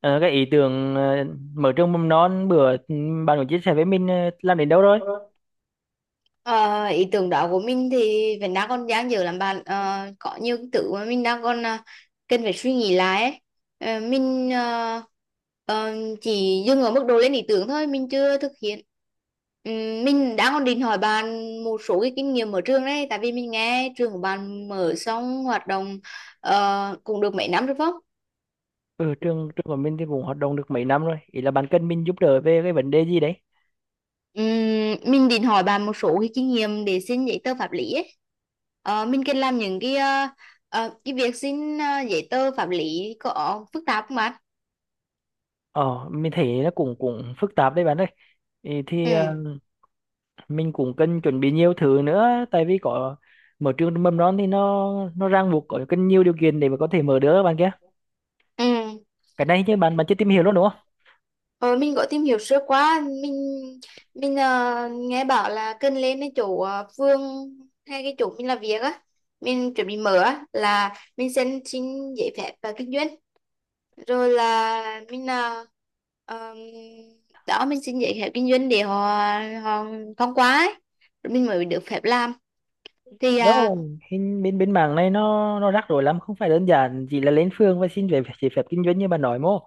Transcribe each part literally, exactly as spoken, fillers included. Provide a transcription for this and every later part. Ờ, cái ý tưởng ờ, mở trường mầm non bữa ừ, bạn có chia sẻ với mình ờ, làm đến đâu rồi? Ờ, Ý tưởng đó của mình thì vẫn đang còn dang dở lắm bạn. Ờ, có nhiều cái thứ mà mình đang còn à, cần phải suy nghĩ lại ấy. Ờ, mình ờ, ờ, chỉ dừng ở mức độ lên ý tưởng thôi, mình chưa thực hiện. Ừm, mình đang còn định hỏi bạn một số cái kinh nghiệm ở trường đấy, tại vì mình nghe trường của bạn mở xong hoạt động ờ, cũng được mấy năm rồi, phải không? Ừ, trường trường của mình thì cũng hoạt động được mấy năm rồi. Ý là bạn cần mình giúp đỡ về cái vấn đề gì đấy? Ừm, mình định hỏi bạn một số cái kinh nghiệm để xin giấy tờ pháp lý ấy. Ờ, mình cần làm những cái ờ, ờ, cái việc xin ờ, giấy tờ pháp lý có phức tạp không bạn? Ờ, mình thấy nó cũng cũng phức tạp đấy bạn ơi. Ý Ừ. thì ờ, mình cũng cần chuẩn bị nhiều thứ nữa, tại vì có mở trường mầm non thì nó nó ràng buộc, có cần nhiều điều kiện để mà có thể mở được bạn kia. Ừ. Cái này chứ bạn bạn chưa tìm hiểu luôn đúng không? Ờ, mình có tìm hiểu sơ qua, mình mình ờ, nghe bảo là cần lên cái chỗ ờ, phường hay cái chỗ mình làm việc á, mình chuẩn bị mở á là mình xin xin giấy phép và kinh doanh, rồi là mình là um, đó mình xin giấy phép kinh doanh để họ họ thông qua ấy. Rồi mình mới được phép làm thì à, Đâu, hình bên bên mảng này nó nó rắc rối lắm, không phải đơn giản chỉ là lên phường và xin về giấy phép kinh doanh như bạn nói mô.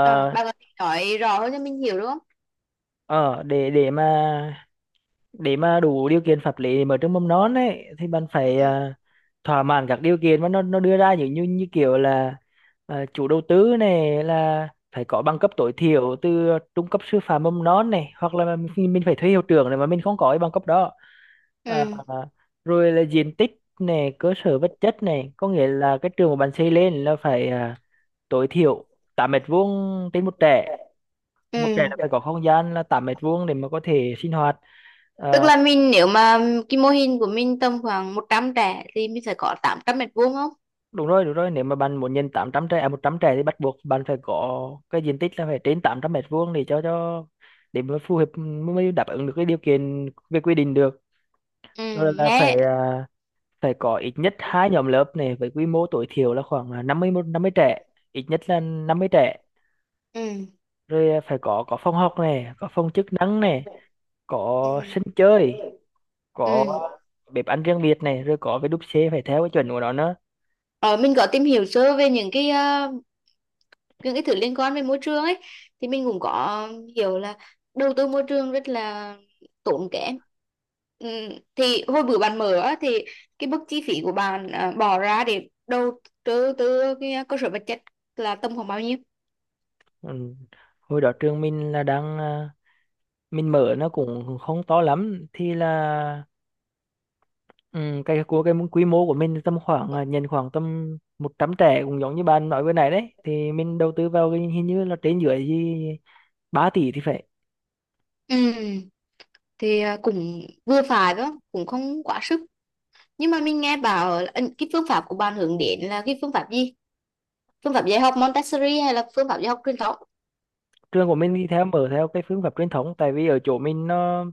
ờ, bà có thể nói rõ hơn cho mình hiểu, đúng không? ờ, để để mà để mà đủ điều kiện pháp lý để mở trường mầm non ấy thì bạn phải Ừ. ờ, thỏa mãn các điều kiện mà nó nó đưa ra, như như như kiểu là ờ, chủ đầu tư này là phải có bằng cấp tối thiểu từ trung cấp sư phạm mầm non này, hoặc là mình, mình phải thuê hiệu trưởng này mà mình không có cái bằng cấp đó. Ờ, Ừ. Rồi là diện tích này, cơ sở vật chất này, có nghĩa là cái trường của bạn xây lên là phải ờ, tối thiểu tám mét vuông trên một trẻ. Ừ. Một trẻ là phải có không gian là tám mét vuông để mà có thể sinh hoạt. Tức Ờ, là mình nếu mà cái mô hình của mình tầm khoảng một trăm trẻ thì mình phải có tám trăm mét vuông không? Đúng rồi, đúng rồi, nếu mà bạn muốn nhận tám trăm trẻ, à, một trăm trẻ, thì bắt buộc bạn phải có cái diện tích là phải trên tám trăm mét vuông để cho cho để mà phù hợp, mới đáp ứng được cái điều kiện về quy định được. Ừ. Rồi là Nghe. phải à, phải có ít nhất hai nhóm lớp này với quy mô tối thiểu là khoảng là năm mươi một- năm mươi trẻ, ít nhất là năm mươi trẻ. Ừ. Rồi à, phải có có phòng học này, có phòng chức năng này, Ừ. có sân chơi, có Ừ. bếp ăn riêng biệt này, rồi có cái đúc xê phải theo cái chuẩn của nó nữa. Ờ, mình có tìm hiểu sơ về những cái ờ, những cái thứ liên quan về môi trường ấy, thì mình cũng có hiểu là đầu tư môi trường rất là tốn kém. ừ, thì hồi bữa bạn mở á, thì cái mức chi phí của bạn à, bỏ ra để đầu tư từ cái cơ sở vật chất là tầm khoảng bao nhiêu? ừ. Hồi đó trường mình là đang à, mình mở nó cũng không to lắm thì là ừ, cái của cái quy mô của mình tầm khoảng, à, nhận khoảng tầm một trăm trẻ, cũng giống như bạn nói vừa nãy đấy, thì mình đầu tư vào cái hình như là trên dưới gì ba tỷ thì phải. ừ, thì à, cũng vừa phải đó, cũng không quá sức. Nhưng mà mình nghe bảo là, ừ, cái phương pháp của bạn hướng đến là cái phương pháp gì, phương pháp dạy học Montessori hay là phương pháp dạy học truyền thống? Trường của mình đi theo, mở theo cái phương pháp truyền thống, tại vì ở chỗ mình nó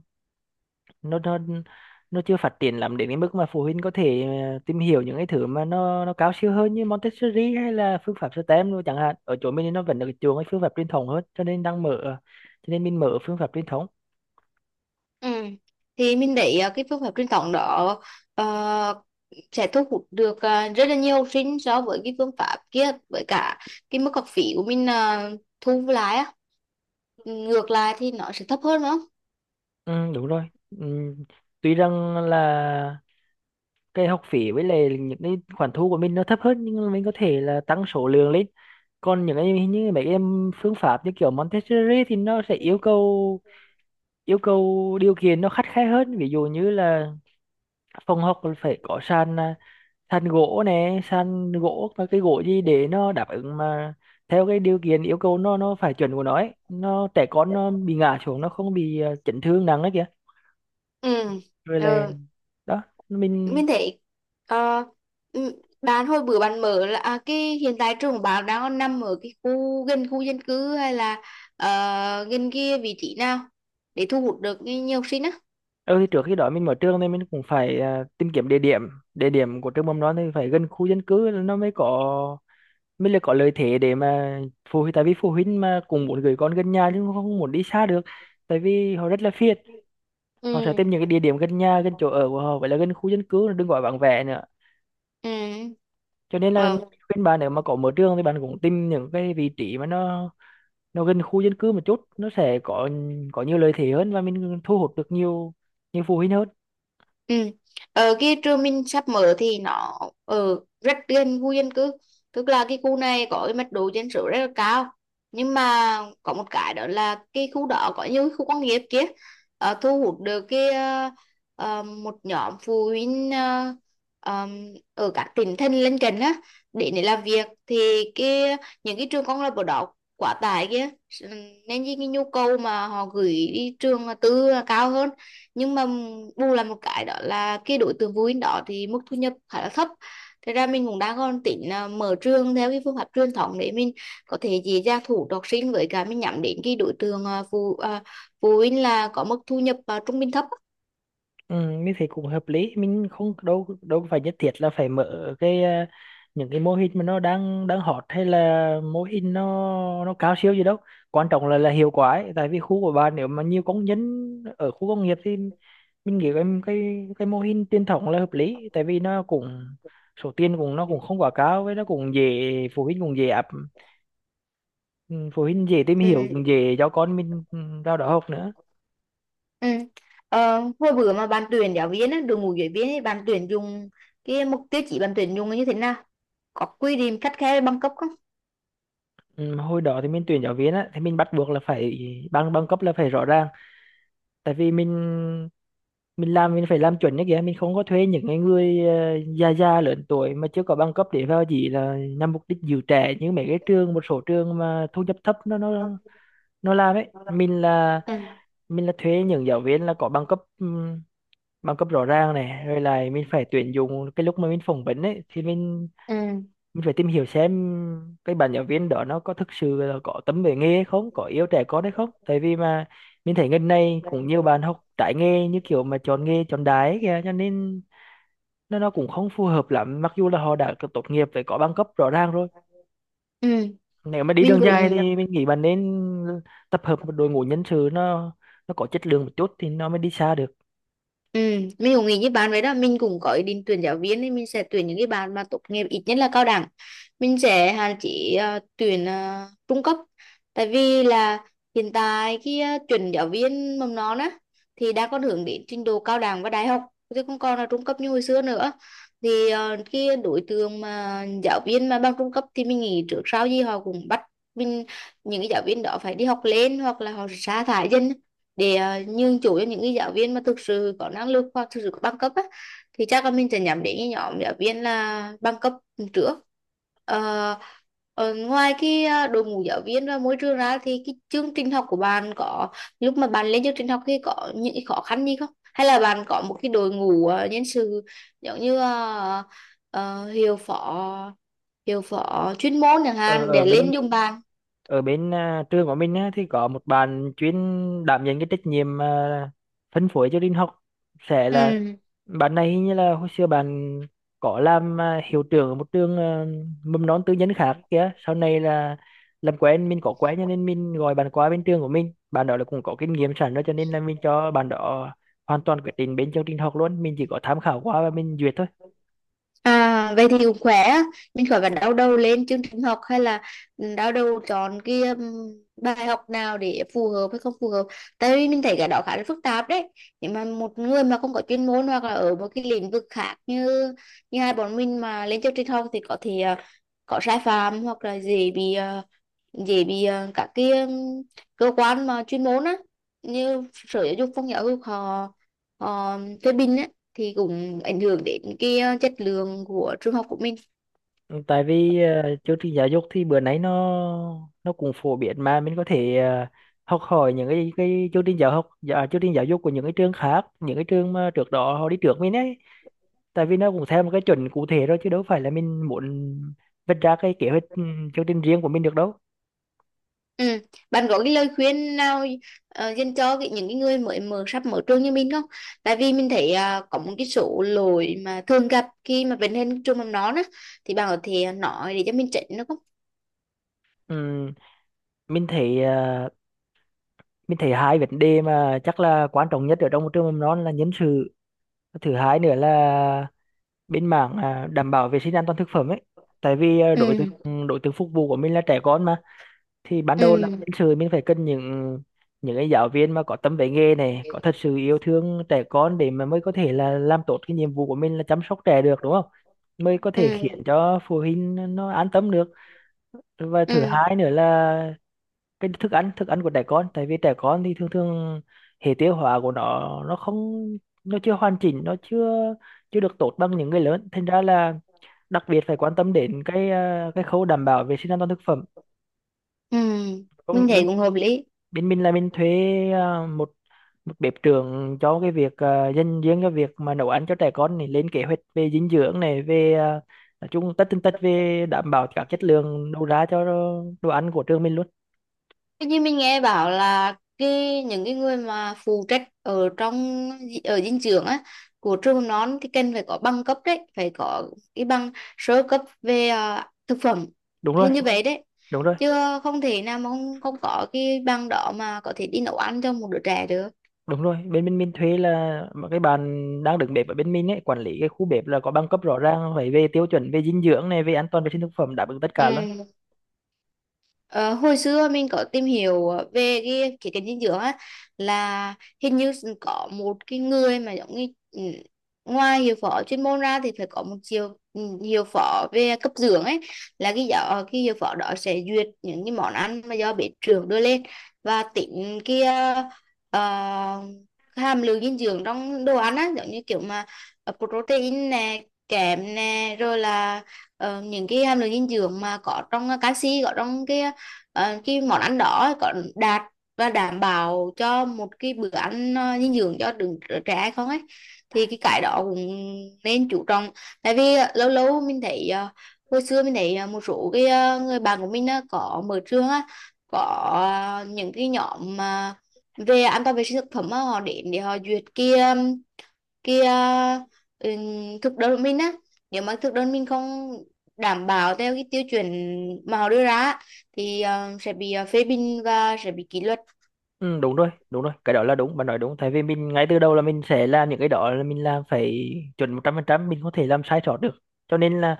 nó nó nó chưa phát triển lắm đến cái mức mà phụ huynh có thể ờ, tìm hiểu những cái thứ mà nó nó cao siêu hơn như Montessori hay là phương pháp stem luôn chẳng hạn. Ở chỗ mình thì nó vẫn được chuộng cái phương pháp truyền thống hơn, cho nên đang mở, cho nên mình mở phương pháp truyền thống. Ừ. Thì mình thấy ờ, cái phương pháp truyền thống đó ờ, sẽ thu hút được ờ, rất là nhiều học sinh so với cái phương pháp kia, với cả cái mức học phí của mình ờ, thu lại á, ngược lại thì nó sẽ thấp hơn, đúng không? Ừ, đúng rồi. ừ. Tuy rằng là cái học phí với lại những cái khoản thu của mình nó thấp hơn, nhưng mà mình có thể là tăng số lượng lên. Còn những cái như mấy cái em phương pháp như kiểu Montessori thì nó sẽ yêu cầu yêu cầu điều kiện nó khắt khe hơn, ví dụ như là phòng học là phải có sàn, à, sàn gỗ nè, sàn gỗ và cái gỗ gì để nó đáp ứng mà theo cái điều kiện yêu cầu, nó nó phải chuẩn của nó ấy. Nó trẻ con nó bị ngã xuống nó không bị à, chấn thương nặng đấy kìa. Ừ. Rồi là Ờ, đó mình. mình thấy ờ, ừ, bạn hồi bữa bạn mở là à, cái hiện tại trường của bạn đang còn nằm ở cái khu gần khu dân cư hay là ờ, gần kia vị trí nào để thu hút được nhiều học sinh á? ừ thì trước khi đó mình mở trường nên mình cũng phải à, tìm kiếm địa điểm. Địa điểm của trường mầm non thì phải gần khu dân cư nó mới có, mới là có lợi thế để mà phụ huynh, tại vì phụ huynh mà cũng muốn gửi con gần nhà, nhưng không muốn đi xa được, tại vì họ rất là phiền. Ừ. Họ sẽ tìm những cái địa điểm gần nhà, gần chỗ ở của họ, vậy là gần khu dân cư, đừng gọi vắng vẻ nữa. Ừ. Cho nên là mình Ờ. khuyên bạn, nếu mà có mở trường thì bạn cũng tìm những cái vị trí mà nó nó gần khu dân cư một chút, nó sẽ có có nhiều lợi thế hơn, và mình thu hút được nhiều nhiều phụ huynh hơn. Ừ. Ở cái trường mình sắp mở thì nó ở rất gần khu dân cư, tức là cái khu này có cái mật độ dân số rất là cao. Nhưng mà có một cái đó là cái khu đó có nhiều khu công nghiệp kia, ờ, thu hút được cái ờ, ờ, một nhóm phụ huynh ờ, ờm, ở các tỉnh thành lân cận á để để làm việc. Thì cái những cái trường công lập ở đó quá tải kia, nên cái cái nhu cầu mà họ gửi đi trường tư là cao hơn. Nhưng mà bù là một cái đó là cái đối tượng phụ huynh đó thì mức thu nhập khá là thấp. Thế ra mình cũng đang còn tính là mở trường theo cái phương pháp truyền thống để mình có thể dễ dàng thu hút học sinh, với cả mình nhắm đến cái đối tượng à, phụ à, phụ huynh là có mức thu nhập à, trung bình thấp á. Ừ, như thế cũng hợp lý, mình không đâu đâu phải nhất thiết là phải mở cái, à, những cái mô hình mà nó đang đang hot, hay là mô hình nó nó cao siêu gì đâu, quan trọng là là hiệu quả ấy. Tại vì khu của bạn nếu mà nhiều công nhân ở khu công nghiệp thì mình nghĩ cái cái cái mô hình truyền thống là hợp lý, tại vì nó cũng, số tiền cũng, nó cũng không quá cao, với nó cũng dễ, phụ huynh cũng dễ áp, ừ, phụ huynh dễ tìm Ừ. hiểu, cũng dễ cho con mình ừ, vào đó học nữa. Ừ. Ờ, hồi bữa mà bạn tuyển giáo viên á, đội ngũ giáo viên ấy, bạn tuyển dùng cái mục tiêu chỉ, bạn tuyển dùng là như thế nào, có quy định khắt khe về bằng cấp không? Ừ, mà hồi đó thì mình tuyển giáo viên á, thì mình bắt buộc là phải bằng bằng cấp là phải rõ ràng, tại vì mình mình làm, mình phải làm chuẩn như kìa, mình không có thuê những cái người ờ, già già lớn tuổi mà chưa có bằng cấp để vào chỉ là nhằm mục đích giữ trẻ, như mấy cái trường, một số trường mà thu nhập thấp nó nó nó làm ấy. mình là Ừ. Mình là thuê những giáo viên là có bằng cấp, ừm, bằng cấp rõ ràng này. Rồi lại mình phải tuyển dụng, cái lúc mà mình phỏng vấn ấy thì mình Ừ. mình phải tìm hiểu xem cái bạn giáo viên đó nó có thực sự là có tấm về nghề hay không, có yêu trẻ con hay không, tại vì mà mình thấy gần này cũng nhiều bạn học trái nghề, như kiểu mà chọn nghề chọn đái ấy kìa, cho nên nó nó cũng không phù hợp lắm, mặc dù là họ đã có tốt nghiệp với có bằng cấp rõ ràng rồi. Ừ. Nếu mà đi Mình đường cũng dài thì mình nghĩ bạn nên tập hợp một đội ngũ nhân sự, nó nó có chất lượng một chút thì nó mới đi xa được. Ừ, mình cũng nghĩ như bạn vậy đó. Mình cũng có ý định tuyển giáo viên thì mình sẽ tuyển những cái bạn mà tốt nghiệp ít nhất là cao đẳng, mình sẽ hạn chế ờ, tuyển ờ, trung cấp. Tại vì là hiện tại cái ờ, tuyển giáo viên mầm non á thì đã có hướng đến trình độ cao đẳng và đại học, chứ không còn là trung cấp như hồi xưa nữa. Thì uh, cái đối tượng mà giáo viên mà bằng trung cấp thì mình nghĩ trước sau gì họ cũng bắt mình, những cái giáo viên đó phải đi học lên hoặc là họ sa thải dần để uh, nhường chỗ cho những cái giáo viên mà thực sự có năng lực hoặc thực sự có bằng cấp á, thì chắc là mình sẽ nhắm đến cái nhóm giáo viên là bằng cấp trước. Ờ, ờ, Ngoài cái uh, đội ngũ giáo viên và môi trường ra thì cái chương trình học của bạn có, lúc mà bạn lên chương trình học thì có những cái khó khăn gì không, hay là bạn có một cái đội ngũ uh, nhân sự giống như uh, ờ, hiệu phó, hiệu phó chuyên môn chẳng ở, hạn ở để lên bên dùng bạn? Ở bên à, trường của mình á, thì có một bạn chuyên đảm nhận cái trách nhiệm, à, phân phối cho Linh học sẽ là Ừ. bạn này. Hình như là hồi xưa bạn có làm, à, hiệu trưởng ở một trường à, mầm non tư nhân khác kìa, sau này là làm quen, mình có quen, cho nên mình gọi bạn qua bên trường của mình. Bạn đó là cũng có kinh nghiệm sẵn rồi, cho nên là mình cho bạn đó hoàn toàn quyết định bên chương trình học luôn, mình chỉ có tham khảo qua và mình duyệt thôi. À, vậy thì cũng khỏe á. Mình khỏi phải đau đầu lên chương trình học hay là đau đầu chọn cái um, bài học nào để phù hợp hay không phù hợp, tại vì mình thấy cái đó khá là phức tạp đấy. Nhưng mà một người mà không có chuyên môn hoặc là ở một cái lĩnh vực khác như như hai bọn mình mà lên chương trình học thì có thể à, có sai phạm hoặc là dễ bị à, dễ bị à, các cái um, cơ quan mà chuyên môn á như sở giáo dục, phong giáo dục, họ họ phê bình á thì cũng ảnh hưởng đến cái ờ, chất lượng của trường học của mình. Ừ, tại vì ờ, chương trình giáo dục thì bữa nay nó nó cũng phổ biến, mà mình có thể ờ, học hỏi những cái cái chương trình giáo học dạ, chương trình giáo dục của những cái trường khác, những cái trường mà trước đó họ đi trước mình ấy, tại vì nó cũng theo một cái chuẩn cụ thể rồi, chứ đâu phải là mình muốn vạch ra cái kế hoạch, ừ, chương trình riêng của mình được đâu. Ừ. Bạn có cái lời khuyên nào ờ, dành cho cái, những cái người mới mở, sắp mở trường như mình không, tại vì mình thấy ờ, có một cái số lỗi mà thường gặp khi mà vấn lên trường mầm non á, thì bạn có thể nói để cho mình chỉnh được không? Ừm, mình thấy ờ, mình thấy hai vấn đề mà chắc là quan trọng nhất ở trong một trường mầm non là nhân sự, thứ hai nữa là bên mảng, à, đảm bảo vệ sinh an toàn thực phẩm ấy, tại vì à, đối tượng, Ừ. ừ, đối tượng phục vụ của mình là trẻ con mà. Thì ban đầu là Ừ. nhân sự, mình phải cần những những cái giáo viên mà có tâm với nghề này, có thật sự yêu thương trẻ con, để mà mới có thể là làm tốt cái nhiệm vụ của mình là chăm sóc trẻ được đúng không, mới có thể khiến Ừ. cho phụ huynh nó an tâm được. Và Ừ. thứ hai nữa là cái thức ăn thức ăn của trẻ con, tại vì trẻ con thì thường thường hệ tiêu hóa của nó nó không, nó chưa hoàn chỉnh, nó chưa chưa được tốt bằng những người lớn, thành ra là đặc biệt phải quan tâm đến cái ờ, cái khâu đảm bảo vệ sinh an toàn thực phẩm. Ừ. Có nghĩa Mình thấy bên cũng hợp lý. bên mình là mình thuê ờ, một một bếp trưởng cho cái việc, ờ, dành riêng cho việc mà nấu ăn cho trẻ con này, lên kế hoạch về dinh dưỡng này, về ờ, nói chung tất tần tật về đảm bảo các chất lượng đầu ra cho đồ ăn của trường mình luôn. Tuy nhiên mình nghe bảo là cái, những cái người mà phụ trách ở trong, ở dinh dưỡng á của trường mầm non thì cần phải có bằng cấp đấy, phải có cái bằng sơ cấp về à, thực phẩm, Đúng rồi, hình như vậy đấy. đúng rồi, Chứ không thể nào mà không không có cái bằng đó mà có thể đi nấu ăn cho một đứa trẻ được. đúng rồi. Bên bên mình thuê là mà cái bạn đang đứng bếp ở bên mình ấy, quản lý cái khu bếp, là có bằng cấp rõ ràng, phải về tiêu chuẩn về dinh dưỡng này, về an toàn vệ sinh thực phẩm, đáp ứng tất cả. Ừ. Ờ, hồi xưa mình có tìm hiểu về cái khía cạnh dinh dưỡng á, là hình như có một cái người mà giống như ừ, ngoài hiệu phó chuyên môn ra thì phải có một chiều ừ, hiệu phó về cấp dưỡng ấy, là cái giáo ờ, cái hiệu phó đó sẽ duyệt những cái món ăn mà do bếp trưởng đưa lên và tính cái ờ, ờ, hàm lượng dinh dưỡng trong đồ ăn á, giống như kiểu mà ờ, protein nè, kẽm nè, rồi là ờ, những cái hàm lượng dinh dưỡng mà có trong ờ, canxi có trong cái ờ, cái món ăn đó có đạt và đảm bảo cho một cái bữa ăn ờ, dinh dưỡng cho đứa trẻ hay không ấy, thì cái cái đó cũng nên chú trọng. Tại vì ờ, lâu lâu mình thấy ờ, hồi xưa mình thấy ờ, một số cái ờ, người bạn của mình á có mở trường á, có ờ, những cái nhóm mà về an toàn vệ sinh thực phẩm á, họ đến để họ duyệt kia kia ừ, thực đơn của mình á, nếu mà thực đơn mình không đảm bảo theo cái tiêu chuẩn mà họ đưa ra á, thì ờ, sẽ bị ờ, phê bình và sẽ bị kỷ luật. Ừ, đúng rồi, đúng rồi, cái đó là đúng, bạn nói đúng, tại vì mình ngay từ đầu là mình sẽ làm những cái đó, là mình làm phải chuẩn một trăm phần trăm, mình không thể làm sai sót được. Cho nên là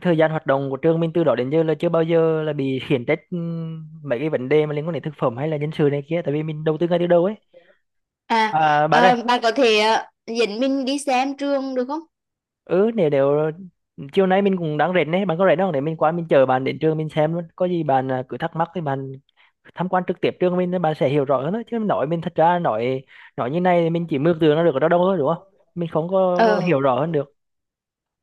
thời gian hoạt động của trường mình từ đó đến giờ là chưa bao giờ là bị khiển trách ừm, mấy cái vấn đề mà liên quan đến thực phẩm hay là nhân sự này kia, tại vì mình đầu tư ngay từ đầu ấy. À, À, bạn ơi, ờ, bạn có thể ờ, dẫn mình đi xem trường được không? ừ nếu nếu chiều nay mình cũng đang rảnh đấy, bạn có rảnh không để mình qua, mình chờ bạn đến trường mình xem luôn, có gì bạn à, cứ thắc mắc thì bạn tham quan trực tiếp trường mình, bạn sẽ hiểu rõ hơn đó. Chứ nói mình thật ra, nói nói như này thì mình chỉ mường tượng nó được ở đâu đâu thôi đúng không, mình không có, có ờ hiểu rõ hơn được.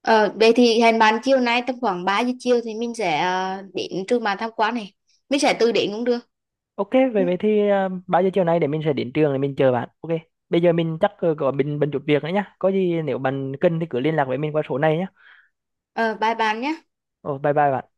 ờ Vậy thì hẹn bạn chiều nay tầm khoảng ba giờ chiều thì mình sẽ ờ, đến trường bạn tham quan này, mình sẽ từ đến cũng được. OK, vậy vậy thì à, bao giờ chiều nay để mình sẽ đến trường để mình chờ bạn. OK, bây giờ mình chắc ờ, có bình bận chút việc nữa nhá, có gì nếu bạn cần thì cứ liên lạc với mình qua số này nhá. ờ Bye bạn nhé. Ồ, bye bye bạn.